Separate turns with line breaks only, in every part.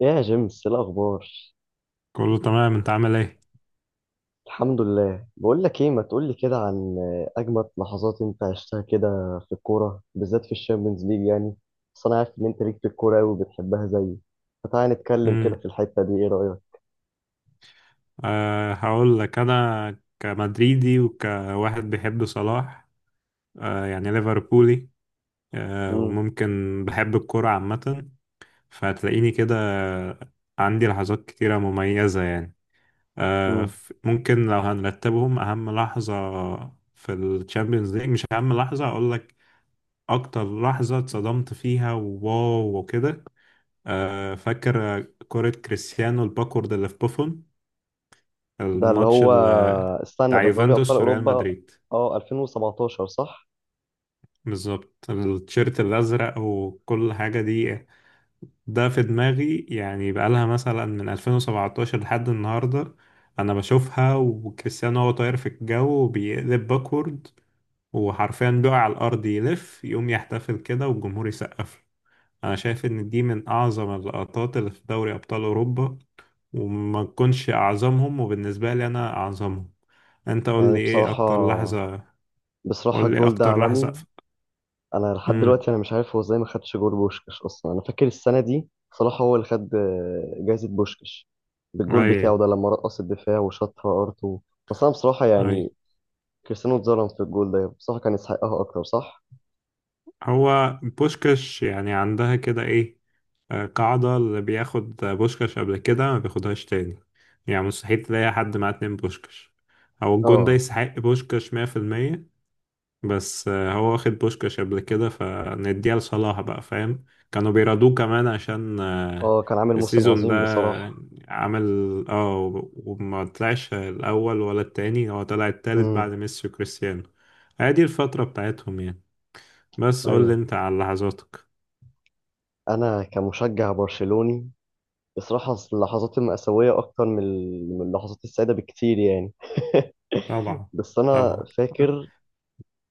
يا جيمس، إيه الاخبار؟
كله تمام، انت عامل ايه؟
الحمد لله. بقول لك ايه، ما تقول لي كده عن اجمد لحظات انت عشتها كده في الكوره، بالذات في الشامبيونز ليج يعني. بس انا عارف ان انت ليك في الكوره قوي وبتحبها زيي، فتعالى نتكلم كده
امم
في الحته دي. ايه رايك؟
هقول لك. انا كمدريدي وكواحد بيحب صلاح، يعني ليفربولي،
امم
وممكن بحب الكرة عامة، فهتلاقيني كده عندي لحظات كتيرة مميزة يعني.
امم
ممكن لو هنرتبهم، اهم لحظة في الشامبيونز ليج، مش اهم لحظة اقول لك، اكتر لحظة اتصدمت فيها وواو وكده. فاكر كرة كريستيانو الباكورد اللي في بوفون،
ده اللي
الماتش
هو،
ال-
استنى،
بتاع
ده في دوري ابطال
يوفنتوس وريال
اوروبا.
مدريد.
اه، 2017 صح؟
بالظبط، التيشيرت الأزرق وكل حاجة دي، ده في دماغي يعني بقالها مثلا من 2017 لحد النهاردة. أنا بشوفها وكريستيانو هو طاير في الجو وبيقلب باكورد، وحرفيا بيقع على الأرض يلف يقوم يحتفل كده والجمهور يسقف له. أنا شايف إن دي من أعظم اللقطات اللي في دوري أبطال أوروبا، وما تكونش أعظمهم وبالنسبة لي أنا أعظمهم. أنت قول
يعني
لي إيه
بصراحه،
أكتر لحظة،
بصراحه
قول لي
الجول ده
اكتر راح
عالمي.
سقف.
انا لحد
امم
دلوقتي انا مش عارف هو ازاي ما خدش جول بوشكش اصلا. انا فاكر السنه دي صلاح هو اللي خد جايزه بوشكش بالجول
اي.
بتاعه ده لما رقص الدفاع وشاطها ارتو. بس انا بصراحه
اي،
يعني كريستيانو اتظلم في الجول ده. بصراحه كان يستحقها اكتر، صح؟
هو بوشكاش يعني عندها كده ايه؟ قاعدة اللي بياخد بوشكاش قبل كده ما بياخدهاش تاني، يعني مستحيل تلاقي حد معاه اتنين بوشكاش، او الجون ده
اه.
يستحق بوشكاش 100%. بس هو واخد بوشكاش قبل كده فنديها لصلاح بقى، فاهم؟ كانوا بيرادوه كمان عشان
اه، كان عامل موسم
السيزون ده
عظيم بصراحه.
عمل، وما طلعش الأول ولا التاني، هو طلع التالت
امم.
بعد ميسي وكريستيانو. هي دي الفترة بتاعتهم يعني. بس قول لي
ايوه،
انت على لحظاتك.
انا كمشجع برشلوني بصراحه اللحظات المأساوية أكتر من من اللحظات السعيدة بكتير يعني
طبعا.
بس أنا
طبعا.
فاكر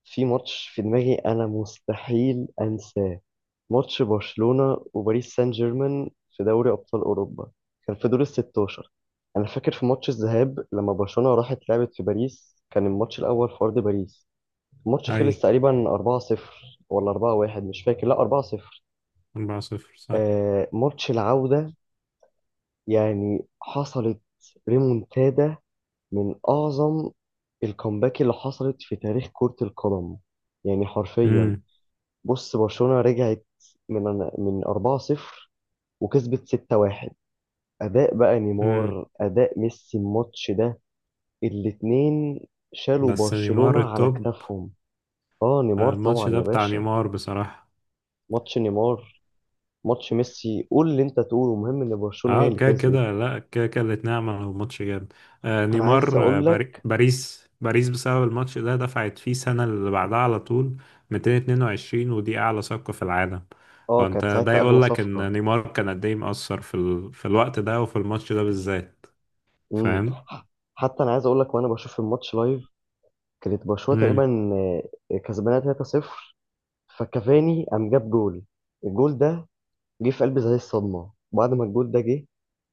في ماتش في دماغي انا مستحيل انساه. ماتش برشلونة وباريس سان جيرمان في دوري ابطال اوروبا. كان في دور ال 16. انا فاكر في ماتش الذهاب لما برشلونة راحت لعبت في باريس، كان الماتش الاول في ارض باريس. الماتش
اي،
خلص تقريبا 4-0 ولا 4-1، مش فاكر، لا 4-0.
4 صفر صح.
آه، ماتش العودة يعني حصلت ريمونتادا من اعظم الكومباك اللي حصلت في تاريخ كرة القدم، يعني حرفيا.
امم
بص، برشلونة رجعت من من 4-0 وكسبت 6-1. أداء بقى
امم
نيمار، أداء ميسي الماتش ده، الاتنين شالوا
بس نيمار
برشلونة على
التوب.
كتافهم. اه، نيمار
الماتش
طبعا
ده
يا
بتاع
باشا.
نيمار بصراحة.
ماتش نيمار، ماتش ميسي، قول اللي انت تقوله، المهم ان برشلونة هي
اه،
اللي
كده
كسبت.
كده، لا كده كده، كانت نعمة وماتش جامد. آه
انا عايز
نيمار، آه،
اقول
باري-
لك.
باريس باريس بسبب الماتش ده دفعت فيه السنة اللي بعدها على طول 222، ودي أعلى صفقة في العالم.
اه،
فأنت
كانت
ده
ساعتها اغلى
يقول لك إن
صفقة.
نيمار كان قد إيه مؤثر في الوقت ده وفي الماتش ده بالذات،
امم.
فاهم؟
حتى انا عايز اقول لك، وانا بشوف الماتش لايف كانت برشلونة
امم
تقريبا كسبانة 3-0. فكافاني قام جاب جول. الجول ده جه في قلبي زي الصدمة بعد ما الجول ده جه.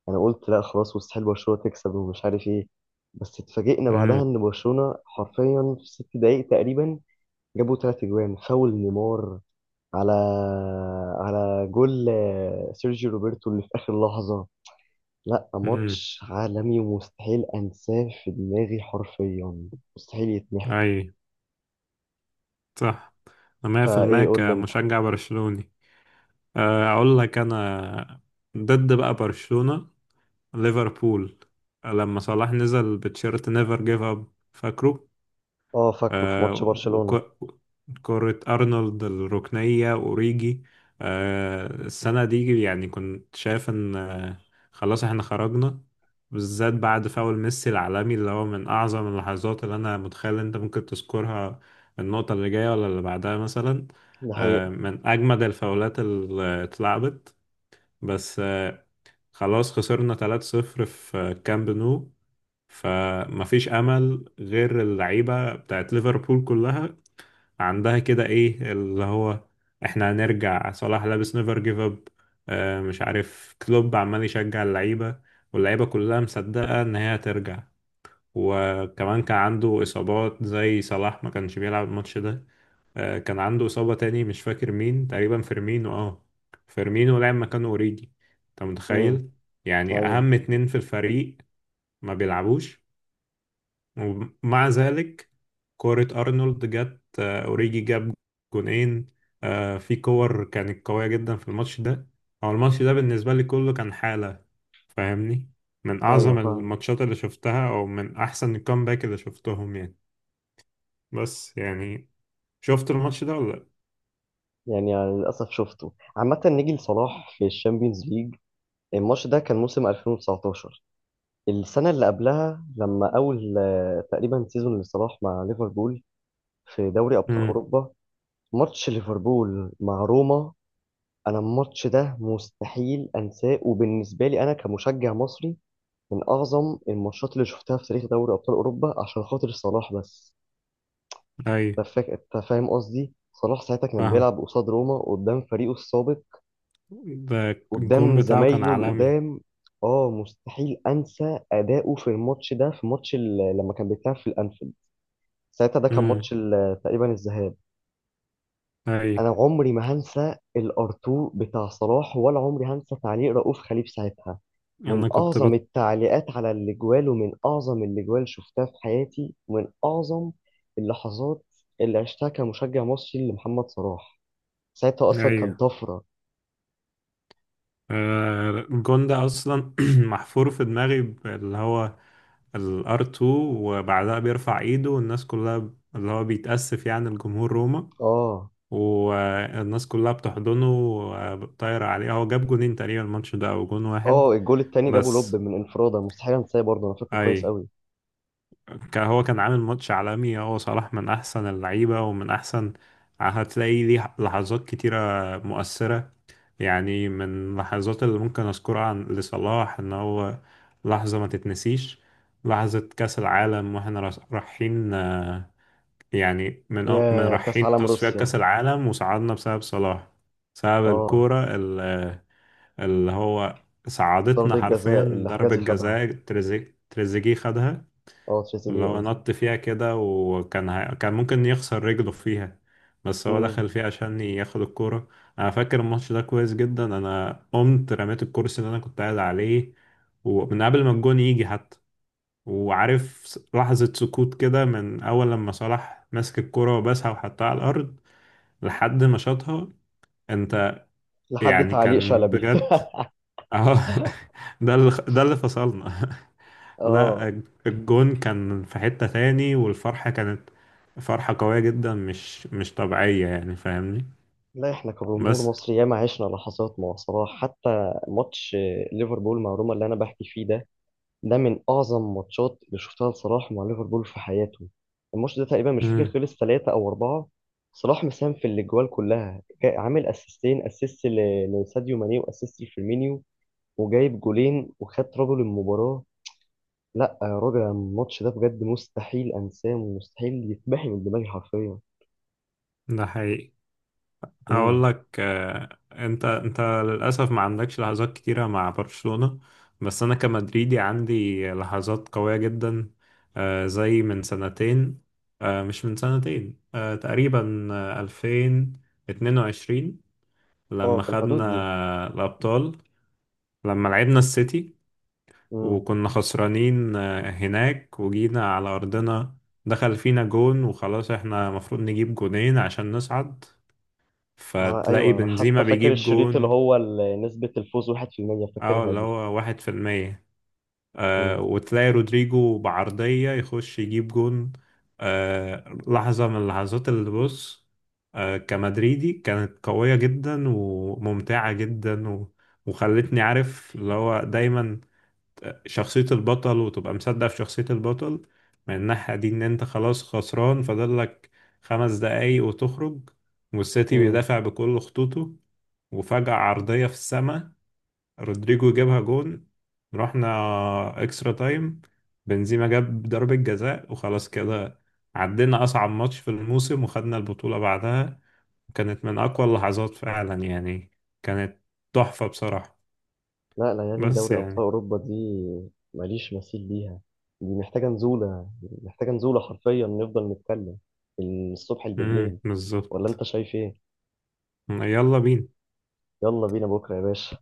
أنا قلت لا خلاص، مستحيل برشلونة تكسب ومش عارف إيه. بس اتفاجئنا بعدها
امم
إن برشلونة حرفيا في 6 دقايق تقريبا جابوا 3 أجوان. فاول نيمار على على جول سيرجيو روبرتو اللي في آخر لحظة. لا،
امم
ماتش عالمي ومستحيل أنساه في دماغي حرفيا، مستحيل يتمحي.
أي، صح. أنا 100%
فإيه، قول لي أنت.
كمشجع برشلوني. أقول لك أنا، ضد بقى برشلونة، ليفربول، لما صلاح نزل بتشيرت نيفر جيف اب، فاكره؟
أه، فاكره. في ماتش
آه.
برشلونة
وكرة أرنولد الركنية، أوريجي. السنة دي يعني كنت شايف إن خلاص إحنا خرجنا، بالذات بعد فاول ميسي العالمي اللي هو من أعظم اللحظات اللي أنا متخيل أنت ممكن تذكرها، النقطة اللي جاية ولا اللي بعدها مثلا.
ده
آه،
حقيقة.
من أجمد الفاولات اللي اتلعبت. بس خلاص خسرنا 3-0 في كامب نو، فمفيش امل غير اللعيبه بتاعت ليفربول كلها عندها كده ايه اللي هو احنا هنرجع. صلاح لابس نيفر جيف اب، مش عارف كلوب عمال يشجع اللعيبه، واللعيبه كلها مصدقه ان هي هترجع، وكمان كان عنده اصابات. زي صلاح ما كانش بيلعب الماتش ده، كان عنده إصابة تاني، مش فاكر مين، تقريبا فيرمينو. اه، فيرمينو لعب مكانه أوريجي. أنت
امم.
متخيل، يعني
أيوه.
أهم اتنين في الفريق ما بيلعبوش، ومع ذلك، كورة أرنولد جت، أوريجي جاب جونين، في كور كانت قوية جدا في الماتش ده. هو الماتش ده بالنسبة لي كله كان حالة، فاهمني؟ من
أيوه،
أعظم
فاهمة.
الماتشات اللي شفتها أو من أحسن الكامباك اللي شفتهم يعني. بس يعني، شفت الماتش ده ولا لأ؟
يعني على للأسف شفته. عامة نيجي لصلاح في الشامبيونز ليج. الماتش ده كان موسم 2019، السنة اللي قبلها لما أول تقريبا سيزون لصلاح مع ليفربول في دوري أبطال
امم
أوروبا. ماتش ليفربول مع روما. أنا الماتش ده مستحيل أنساه، وبالنسبة لي أنا كمشجع مصري من أعظم الماتشات اللي شفتها في تاريخ دوري أبطال أوروبا عشان خاطر صلاح بس.
اي،
أنت فاهم قصدي؟ صلاح ساعتها كان
فاهم.
بيلعب قصاد روما قدام فريقه السابق،
ده الجون
قدام
بتاعه كان
زمايله
عالمي.
القدام. اه، مستحيل انسى اداؤه في الماتش ده، في ماتش لما كان بيتلعب في الانفيلد. ساعتها ده كان
امم
ماتش تقريبا الذهاب.
اي،
انا عمري ما هنسى الارتو بتاع صلاح، ولا عمري هنسى تعليق رؤوف خليف ساعتها. من
انا كنت
اعظم
بط...
التعليقات على الاجوال، ومن اعظم الاجوال شفتها في حياتي، ومن اعظم اللحظات اللي عشتها كمشجع مصري لمحمد صلاح. ساعتها اصلا
ايوه،
كان طفره.
الجون ده اصلا محفور في دماغي، اللي هو الار 2، وبعدها بيرفع ايده والناس كلها، اللي هو بيتأسف يعني الجمهور روما،
اه.
والناس كلها بتحضنه وطايرة عليه. هو جاب جونين تقريبا الماتش ده، او جون
اه،
واحد
الجول التاني جابه لوب
بس.
من انفراده، مستحيل انساه برضه، انا فاكره
اي،
كويس قوي.
كان عامل ماتش عالمي. هو صلاح من أحسن اللعيبة ومن أحسن، هتلاقي ليه لحظات كتيرة مؤثرة يعني. من اللحظات اللي ممكن أذكرها عن لصلاح إن هو لحظة ما تتنسيش، لحظة كأس العالم وإحنا رايحين. يعني من
يا كاس
رايحين
عالم
تصفيات
روسيا.
كأس العالم وصعدنا بسبب صلاح، بسبب
اه،
الكورة ال- آه، اللي هو صعدتنا
ضربة جزاء
حرفيا.
اللي
ضربة
حجازي خدها،
جزاء تريزيجيه خدها،
اه تريزيجيه
لو
قصدي.
نط فيها كده وكان كان ممكن يخسر رجله فيها، بس هو
امم.
دخل فيها عشان ياخد الكورة. أنا فاكر الماتش ده كويس جدا، أنا قمت رميت الكرسي اللي أنا كنت قاعد عليه ومن قبل ما الجون يجي حتى. وعارف لحظة سكوت كده من أول لما صلاح مسك الكرة وبسها وحطها على الأرض لحد ما شاطها، أنت؟
لحد
يعني
تعليق
كان
شلبي.
بجد. أهو. ده اللي فصلنا. لا،
اه.
الجون كان في حتة تاني، والفرحة كانت فرحة قوية جدا، مش طبيعية يعني، فاهمني؟
لا، احنا كجمهور
بس...
مصري ياما عشنا لحظات مع صلاح، حتى ماتش ليفربول مع روما اللي انا بحكي فيه ده. ده من اعظم ماتشات اللي شفتها لصلاح مع ليفربول في حياته. الماتش ده تقريبا مش فاكر
امم
خلص 3 او 4. صلاح مساهم في الاجوال كلها. عامل اسيستين، اسيست لساديو ماني، واسيست لفيرمينيو، وجايب جولين، وخد رجل المباراة. لا يا راجل، الماتش ده بجد مستحيل انساه ومستحيل يتمحي من دماغي حرفيا.
ده حقيقي. هقول
امم.
لك، انت للأسف ما عندكش لحظات كتيرة مع برشلونة، بس انا كمدريدي عندي لحظات قوية جدا. زي من سنتين، مش من سنتين، تقريبا، 2022،
اه،
لما
في
خدنا
الحدود دي.
الأبطال، لما لعبنا السيتي
امم.
وكنا خسرانين هناك وجينا على أرضنا، دخل فينا جون وخلاص احنا مفروض نجيب جونين عشان نصعد. فتلاقي
ايوه، انا
بنزيما
حتى فاكر
بيجيب
الشريط اللي
جون،
هو نسبة الفوز 1%
اه،
فاكرها
اللي
دي.
هو 1%. آه، وتلاقي رودريجو بعرضية يخش يجيب جون. آه، لحظة من اللحظات اللي بص، آه، كمدريدي كانت قوية جدا وممتعة جدا و... وخلتني عارف اللي هو دايما شخصية البطل، وتبقى مصدق في شخصية البطل من الناحية دي. إن أنت خلاص خسران، فاضلك 5 دقايق وتخرج، والسيتي
امم.
بيدافع بكل خطوطه، وفجأة عرضية في السماء، رودريجو جابها جون، رحنا اكسترا تايم، بنزيما جاب ضربة جزاء وخلاص كده. عدينا أصعب ماتش في الموسم وخدنا البطولة بعدها. كانت من أقوى اللحظات فعلا يعني. كانت تحفة بصراحة.
لا، ليالي
بس
دوري أبطال
يعني...
أوروبا دي ماليش مثيل ليها. دي محتاجة نزولة، محتاجة نزولة حرفيا، نفضل نتكلم من الصبح بالليل. ولا أنت
بالظبط.
شايف إيه؟
يلا بينا.
يلا بينا بكرة يا باشا.